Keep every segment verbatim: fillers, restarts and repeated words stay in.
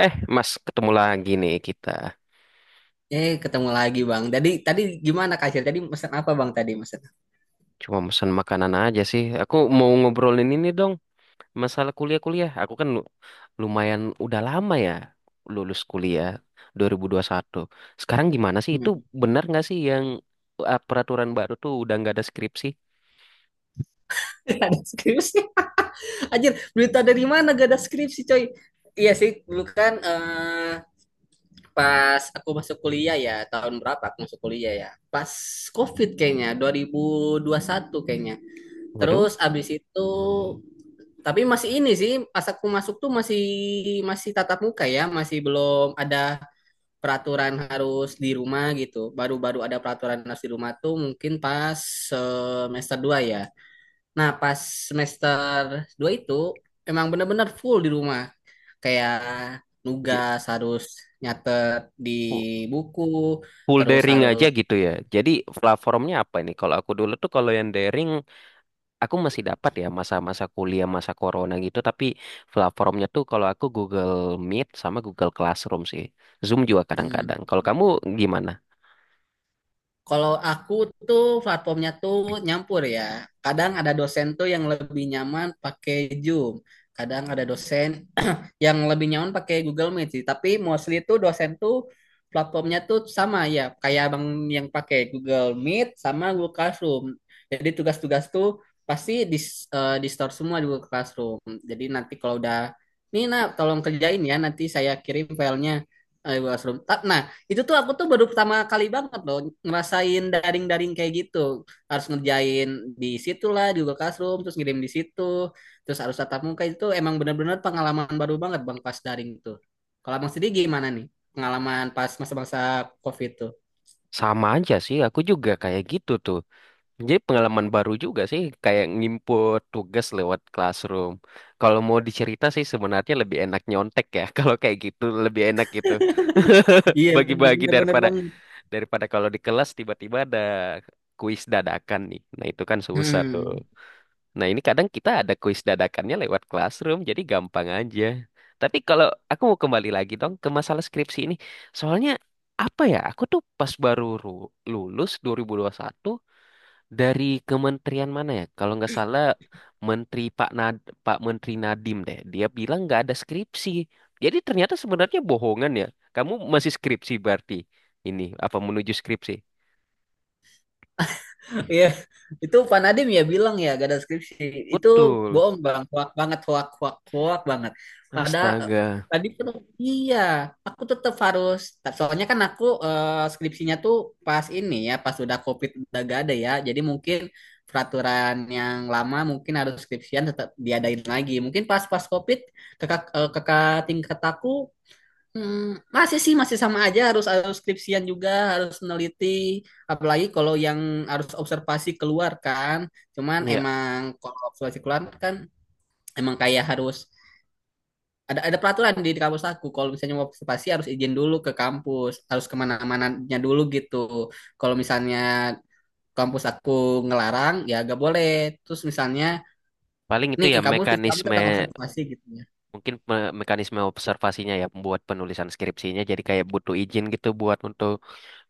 Eh, Mas, ketemu lagi nih kita. Eh, ketemu lagi Bang. Tadi tadi gimana Kak Acil? Tadi mesen apa Bang tadi mesen? Cuma pesan makanan aja sih. Aku mau ngobrolin ini dong, masalah kuliah-kuliah. Aku kan lu- lumayan udah lama ya lulus kuliah dua ribu dua ribu satu. Sekarang gimana sih? Itu Hmm. benar nggak sih yang eh, peraturan baru tuh udah nggak ada skripsi? Gak ada skripsi. Anjir, berita dari mana gak ada skripsi coy? Iya sih, dulu kan eh, pas aku masuk kuliah ya, tahun berapa aku masuk kuliah ya? Pas COVID kayaknya, dua ribu dua puluh satu kayaknya. Waduh, Terus abis itu, tapi masih ini sih, pas aku masuk tuh masih masih tatap muka ya, masih belum ada peraturan harus di rumah gitu. Baru-baru ada peraturan harus di rumah tuh mungkin pas semester dua ya. Nah, pas semester dua itu emang bener-bener full di rumah. Kayak j- nugas harus nyatet di fu- buku, full terus daring aja harus gitu ya. Jadi platformnya apa ini? Kalau aku dulu tuh kalau yang daring aku masih dapat ya, masa-masa kuliah masa corona gitu, tapi platformnya tuh kalau aku Google Meet sama Google Classroom sih, Zoom juga hmm. kadang-kadang. Kalau kamu gimana? Kalau aku tuh platformnya tuh nyampur ya. Kadang ada dosen tuh yang lebih nyaman pakai Zoom. Kadang ada dosen yang lebih nyaman pakai Google Meet sih. Tapi mostly tuh dosen tuh platformnya tuh sama ya. Kayak abang yang pakai Google Meet sama Google Classroom. Jadi tugas-tugas tuh pasti di, eh, di store semua di Google Classroom. Jadi nanti kalau udah, nih nak tolong kerjain ya. Nanti saya kirim filenya eh, Google Classroom. Ta- Nah itu tuh aku tuh baru pertama kali banget loh ngerasain daring-daring kayak gitu. Harus ngerjain di situ lah di Google Classroom, terus ngirim di situ, terus harus tatap muka itu emang bener-bener pengalaman baru banget Bang pas daring tuh. Kalau Abang sendiri gimana nih pengalaman pas masa-masa COVID tuh? Sama aja sih, aku juga kayak gitu tuh. Jadi pengalaman baru juga sih kayak ngimput tugas lewat Classroom. Kalau mau dicerita sih sebenarnya lebih enak nyontek ya kalau kayak gitu lebih enak gitu, Iya bagi-bagi. bener-bener bener daripada banget. daripada kalau di kelas tiba-tiba ada kuis dadakan nih, nah itu kan susah tuh. Hmm. Nah, ini kadang kita ada kuis dadakannya lewat classroom, jadi gampang aja. Tapi kalau aku mau kembali lagi dong ke masalah skripsi ini. Soalnya apa ya? Aku tuh pas baru ru- lulus dua ribu dua puluh satu dari kementerian mana ya? Kalau nggak salah Menteri Pak Nad Pak Menteri Nadiem deh. Dia bilang nggak ada skripsi. Jadi ternyata sebenarnya bohongan ya. Kamu masih skripsi berarti. Ini apa menuju skripsi? Iya, itu panadim ya bilang ya gak ada skripsi. Itu Betul. bohong bang, hoak banget, hoak, hoak, hoak banget. Pada eh, Astaga. tadi tuh Iya, aku tetap harus. Soalnya kan aku eh, skripsinya tuh pas ini ya, pas udah COVID udah gak ada ya. Jadi mungkin peraturan yang lama mungkin harus skripsian tetap diadain lagi. Mungkin pas pas COVID kakak eh, kakak tingkat aku hmm, masih sih masih sama aja harus harus skripsian juga harus neliti apalagi kalau yang harus observasi keluar kan cuman Ya, emang kalau observasi keluar kan emang kayak harus ada ada peraturan di, di kampus aku kalau misalnya mau observasi harus izin dulu ke kampus harus kemana-mananya dulu gitu kalau misalnya kampus aku ngelarang ya gak boleh terus misalnya paling itu nih ya kamu kamu mekanisme. tentang observasi gitu ya. Mungkin me- mekanisme observasinya ya, membuat penulisan skripsinya jadi kayak butuh izin gitu buat untuk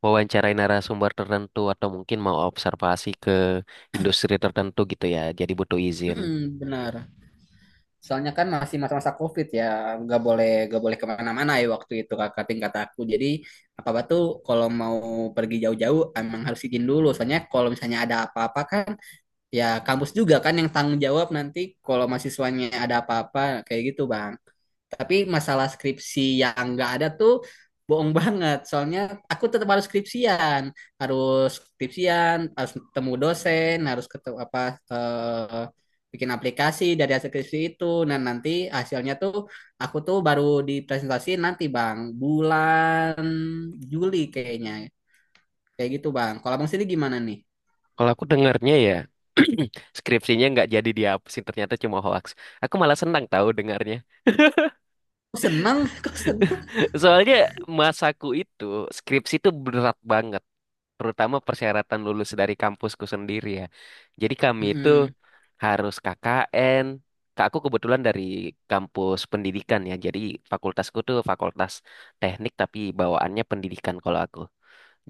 wawancarai narasumber tertentu atau mungkin mau observasi ke industri tertentu gitu ya. Jadi butuh izin. Mm, benar. Soalnya kan masih masa-masa COVID ya, nggak boleh nggak boleh kemana-mana ya waktu itu kakak tingkat aku. Jadi apa-apa tuh kalau mau pergi jauh-jauh emang harus izin dulu. Soalnya kalau misalnya ada apa-apa kan, ya kampus juga kan yang tanggung jawab nanti kalau mahasiswanya ada apa-apa kayak gitu bang. Tapi masalah skripsi yang nggak ada tuh bohong banget. Soalnya aku tetap harus skripsian, harus skripsian, harus ketemu dosen, harus ketemu apa eh, bikin aplikasi dari hasil skripsi itu. Nah nanti hasilnya tuh aku tuh baru dipresentasi nanti bang bulan Juli kayaknya kayak gitu bang. Kalau bang sendiri gimana nih? Kalau aku dengarnya ya skripsinya nggak jadi dihapusin, ternyata cuma hoax. Aku malah senang tahu dengarnya. Kok senang? Kok senang? Soalnya masaku itu skripsi itu berat banget, terutama persyaratan lulus dari kampusku sendiri ya. Jadi kami itu Mm-mm. harus K K N. Kak, aku kebetulan dari kampus pendidikan ya. Jadi fakultasku tuh fakultas teknik tapi bawaannya pendidikan kalau aku.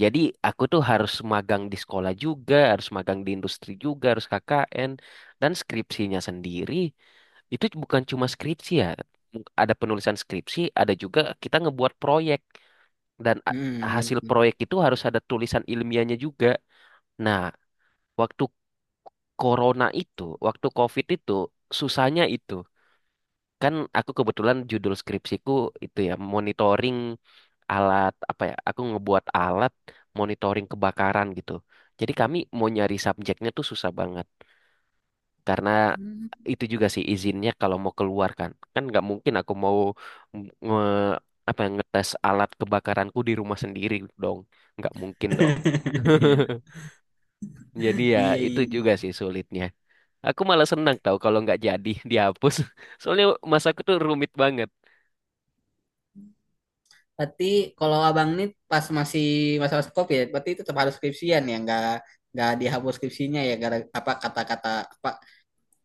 Jadi aku tuh harus magang di sekolah juga, harus magang di industri juga, harus K K N dan skripsinya sendiri. Itu bukan cuma skripsi ya. Ada penulisan skripsi, ada juga kita ngebuat proyek dan a- hasil Mm-mm. proyek itu harus ada tulisan ilmiahnya juga. Nah, waktu corona itu, waktu COVID itu, susahnya itu. Kan aku kebetulan judul skripsiku itu ya monitoring alat, apa ya, aku ngebuat alat monitoring kebakaran gitu. Jadi kami mau nyari subjeknya tuh susah banget, karena itu juga sih izinnya. Kalau mau keluar kan kan nggak mungkin aku mau nge apa ya, ngetes alat kebakaranku di rumah sendiri dong, nggak mungkin dong. Iya, Jadi ya, iya, itu juga iya. sih sulitnya. Aku malah senang tau kalau nggak jadi dihapus soalnya masa aku tuh rumit banget. Berarti kalau abang ini pas masih masa-masa COVID ya, berarti itu tetap harus skripsian ya, nggak nggak dihapus skripsinya ya, gara apa kata-kata apa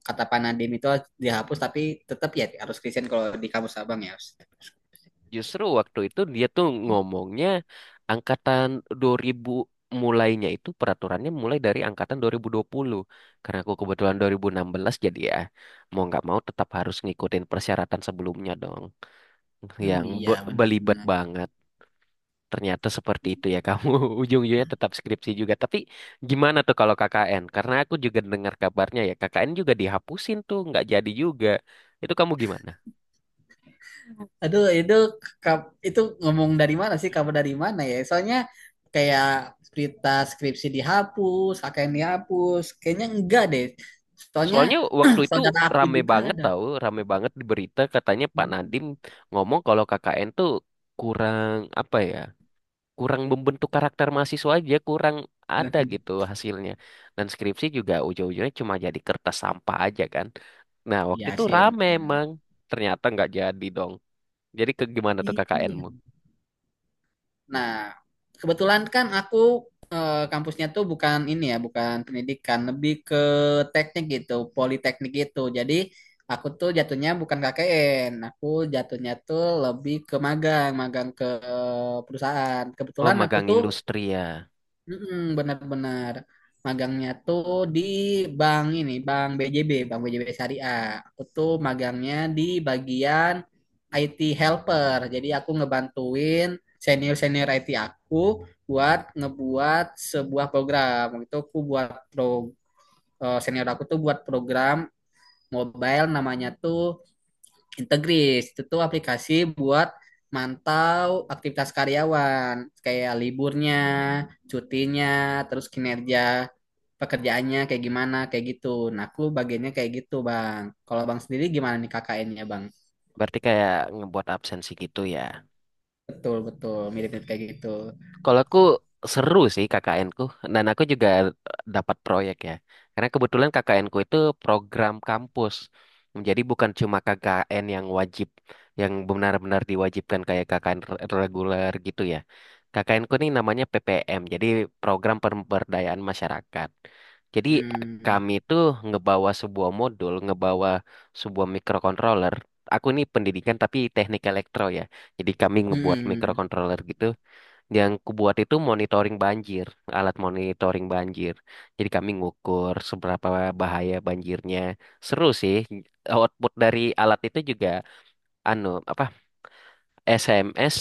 kata Panadim itu harus dihapus tapi tetap ya harus skripsian kalau di kampus abang ya. Justru waktu itu dia tuh ngomongnya angkatan dua ribu, mulainya itu peraturannya mulai dari angkatan dua ribu dua puluh. Karena aku kebetulan dua ribu enam belas, jadi ya mau nggak mau tetap harus ngikutin persyaratan sebelumnya dong. Hmm, Yang iya be- belibet benar-benar. banget. Ternyata seperti itu ya kamu ujung-ujungnya tetap skripsi juga. Tapi gimana tuh kalau K K N? Karena aku juga dengar kabarnya ya K K N juga dihapusin, tuh nggak jadi juga. Itu kamu gimana? Aduh itu ka- itu ngomong dari mana sih kabar dari mana ya? Soalnya kayak berita skripsi dihapus, A K N dihapus, kayaknya enggak deh. Soalnya Soalnya waktu itu saudara aku rame juga banget ada. tahu, rame banget di berita katanya Pak Hmm. Nadiem ngomong kalau K K N tuh kurang apa ya, kurang membentuk karakter mahasiswa aja, kurang ada gitu hasilnya. Dan skripsi juga ujung-ujungnya cuma jadi kertas sampah aja kan. Nah waktu Iya itu sih rame emang, emang. ternyata nggak jadi dong. Jadi ke gimana tuh Iya. KKN-mu? Nah, kebetulan kan aku eh, kampusnya tuh bukan ini ya, bukan pendidikan, lebih ke teknik gitu, politeknik gitu. Jadi aku tuh jatuhnya bukan K K N, aku jatuhnya tuh lebih ke magang, magang ke eh, perusahaan. Oh, Kebetulan aku magang tuh industri ya, mm-mm, benar-benar magangnya tuh di bank ini, Bank B J B, Bank B J B Syariah. Aku tuh magangnya di bagian I T helper. Jadi aku ngebantuin senior-senior I T aku buat ngebuat sebuah program. Waktu itu aku buat pro, eh, senior aku tuh buat program mobile namanya tuh Integris itu tuh aplikasi buat mantau aktivitas karyawan kayak liburnya, cutinya, terus kinerja pekerjaannya kayak gimana kayak gitu. Nah, aku bagiannya kayak gitu, Bang. Kalau Bang sendiri gimana nih K K N-nya, Bang? berarti kayak ngebuat absensi gitu ya. Betul, betul, mirip-mirip kayak gitu. Kalau aku seru sih K K N ku, dan aku juga dapat proyek ya. Karena kebetulan K K N ku itu program kampus. Jadi bukan cuma K K N yang wajib, yang benar-benar diwajibkan kayak K K N re- reguler gitu ya. K K N ku ini namanya P P M, jadi program pemberdayaan masyarakat. Jadi Hmm. kami itu ngebawa sebuah modul, ngebawa sebuah microcontroller. Aku ini pendidikan tapi teknik elektro ya. Jadi kami ngebuat Hmm. microcontroller gitu. Yang kubuat itu monitoring banjir, alat monitoring banjir. Jadi kami ngukur seberapa bahaya banjirnya. Seru sih. Output dari alat itu juga, anu apa, S M S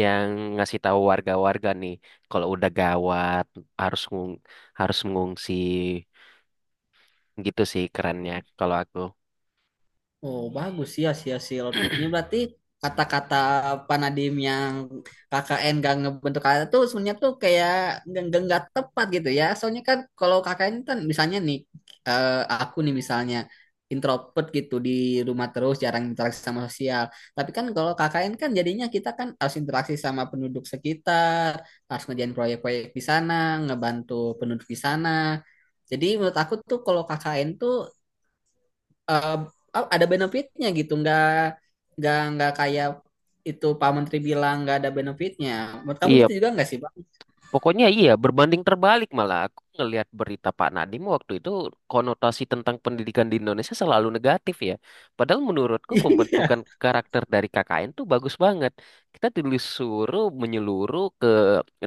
yang ngasih tahu warga-warga nih kalau udah gawat harus ngung- harus mengungsi, gitu sih kerennya kalau aku. Oh, bagus sih hasil-hasil outputnya. Berarti kata-kata Panadim yang K K N gak ngebentuk kata tuh sebenarnya tuh kayak nggak nggak nggak tepat gitu ya. Soalnya kan kalau K K N kan misalnya nih eh, aku nih misalnya introvert gitu di rumah terus jarang interaksi sama sosial. Tapi kan kalau K K N kan jadinya kita kan harus interaksi sama penduduk sekitar, harus ngerjain proyek-proyek di sana, ngebantu penduduk di sana. Jadi menurut aku tuh kalau K K N tuh eh, ada benefitnya gitu nggak nggak nggak kayak itu Pak Menteri bilang nggak ada benefitnya menurut kamu Iya, gitu juga nggak sih Pak. pokoknya iya, berbanding terbalik malah. Aku ngelihat berita Pak Nadiem waktu itu, konotasi tentang pendidikan di Indonesia selalu negatif ya. Padahal menurutku pembentukan Iya, karakter dari K K N tuh bagus banget. Kita disuruh menyeluruh ke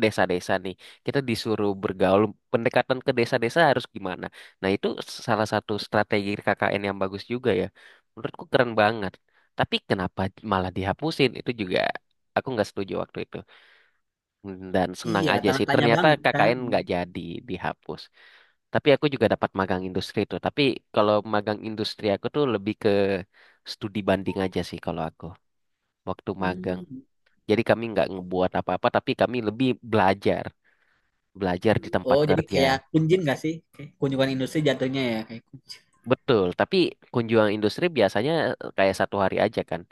desa-desa nih. Kita disuruh bergaul, pendekatan ke desa-desa harus gimana. Nah itu salah satu strategi K K N yang bagus juga ya. Menurutku keren banget. Tapi kenapa malah dihapusin? Itu juga aku nggak setuju waktu itu. Hmm, Dan senang iya, aja tanda sih. tanya Ternyata banget kan. K K N nggak jadi dihapus. Tapi aku juga dapat magang industri tuh. Tapi kalau magang industri aku tuh lebih ke studi banding aja sih kalau aku. Waktu magang. Hmm. Jadi kami nggak ngebuat apa-apa, tapi kami lebih belajar. Belajar di tempat Oh jadi kerja. kayak kunjin nggak sih? Kayak kunjungan industri jatuhnya ya kayak Betul, tapi kunjungan industri biasanya eh, kayak satu hari aja kan.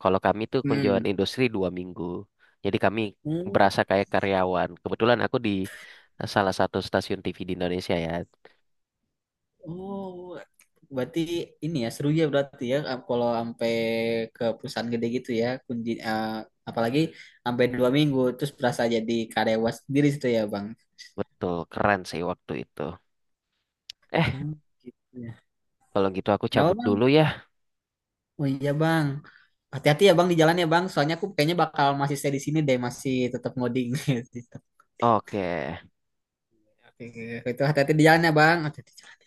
Kalau kami tuh kunjungan hmm. industri dua minggu. Jadi kami Hmm. berasa kayak karyawan. Kebetulan aku di eh, salah satu stasiun T V di Indonesia ya. Oh berarti ini ya seru ya berarti ya kalau sampai ke perusahaan gede gitu ya kunjin eh, apalagi sampai dua minggu terus berasa jadi karyawan sendiri situ ya bang. Betul, keren sih waktu itu. Eh, Hmm, gitu ya. Kalau gitu aku Kenapa cabut bang? dulu ya. Oh iya bang. Hati-hati ya bang di jalan ya bang. Soalnya aku kayaknya bakal masih stay di sini deh, masih tetap ngoding. Gitu. Oke. Oke, oke. Itu hati-hati di jalan ya bang. Hati-hati.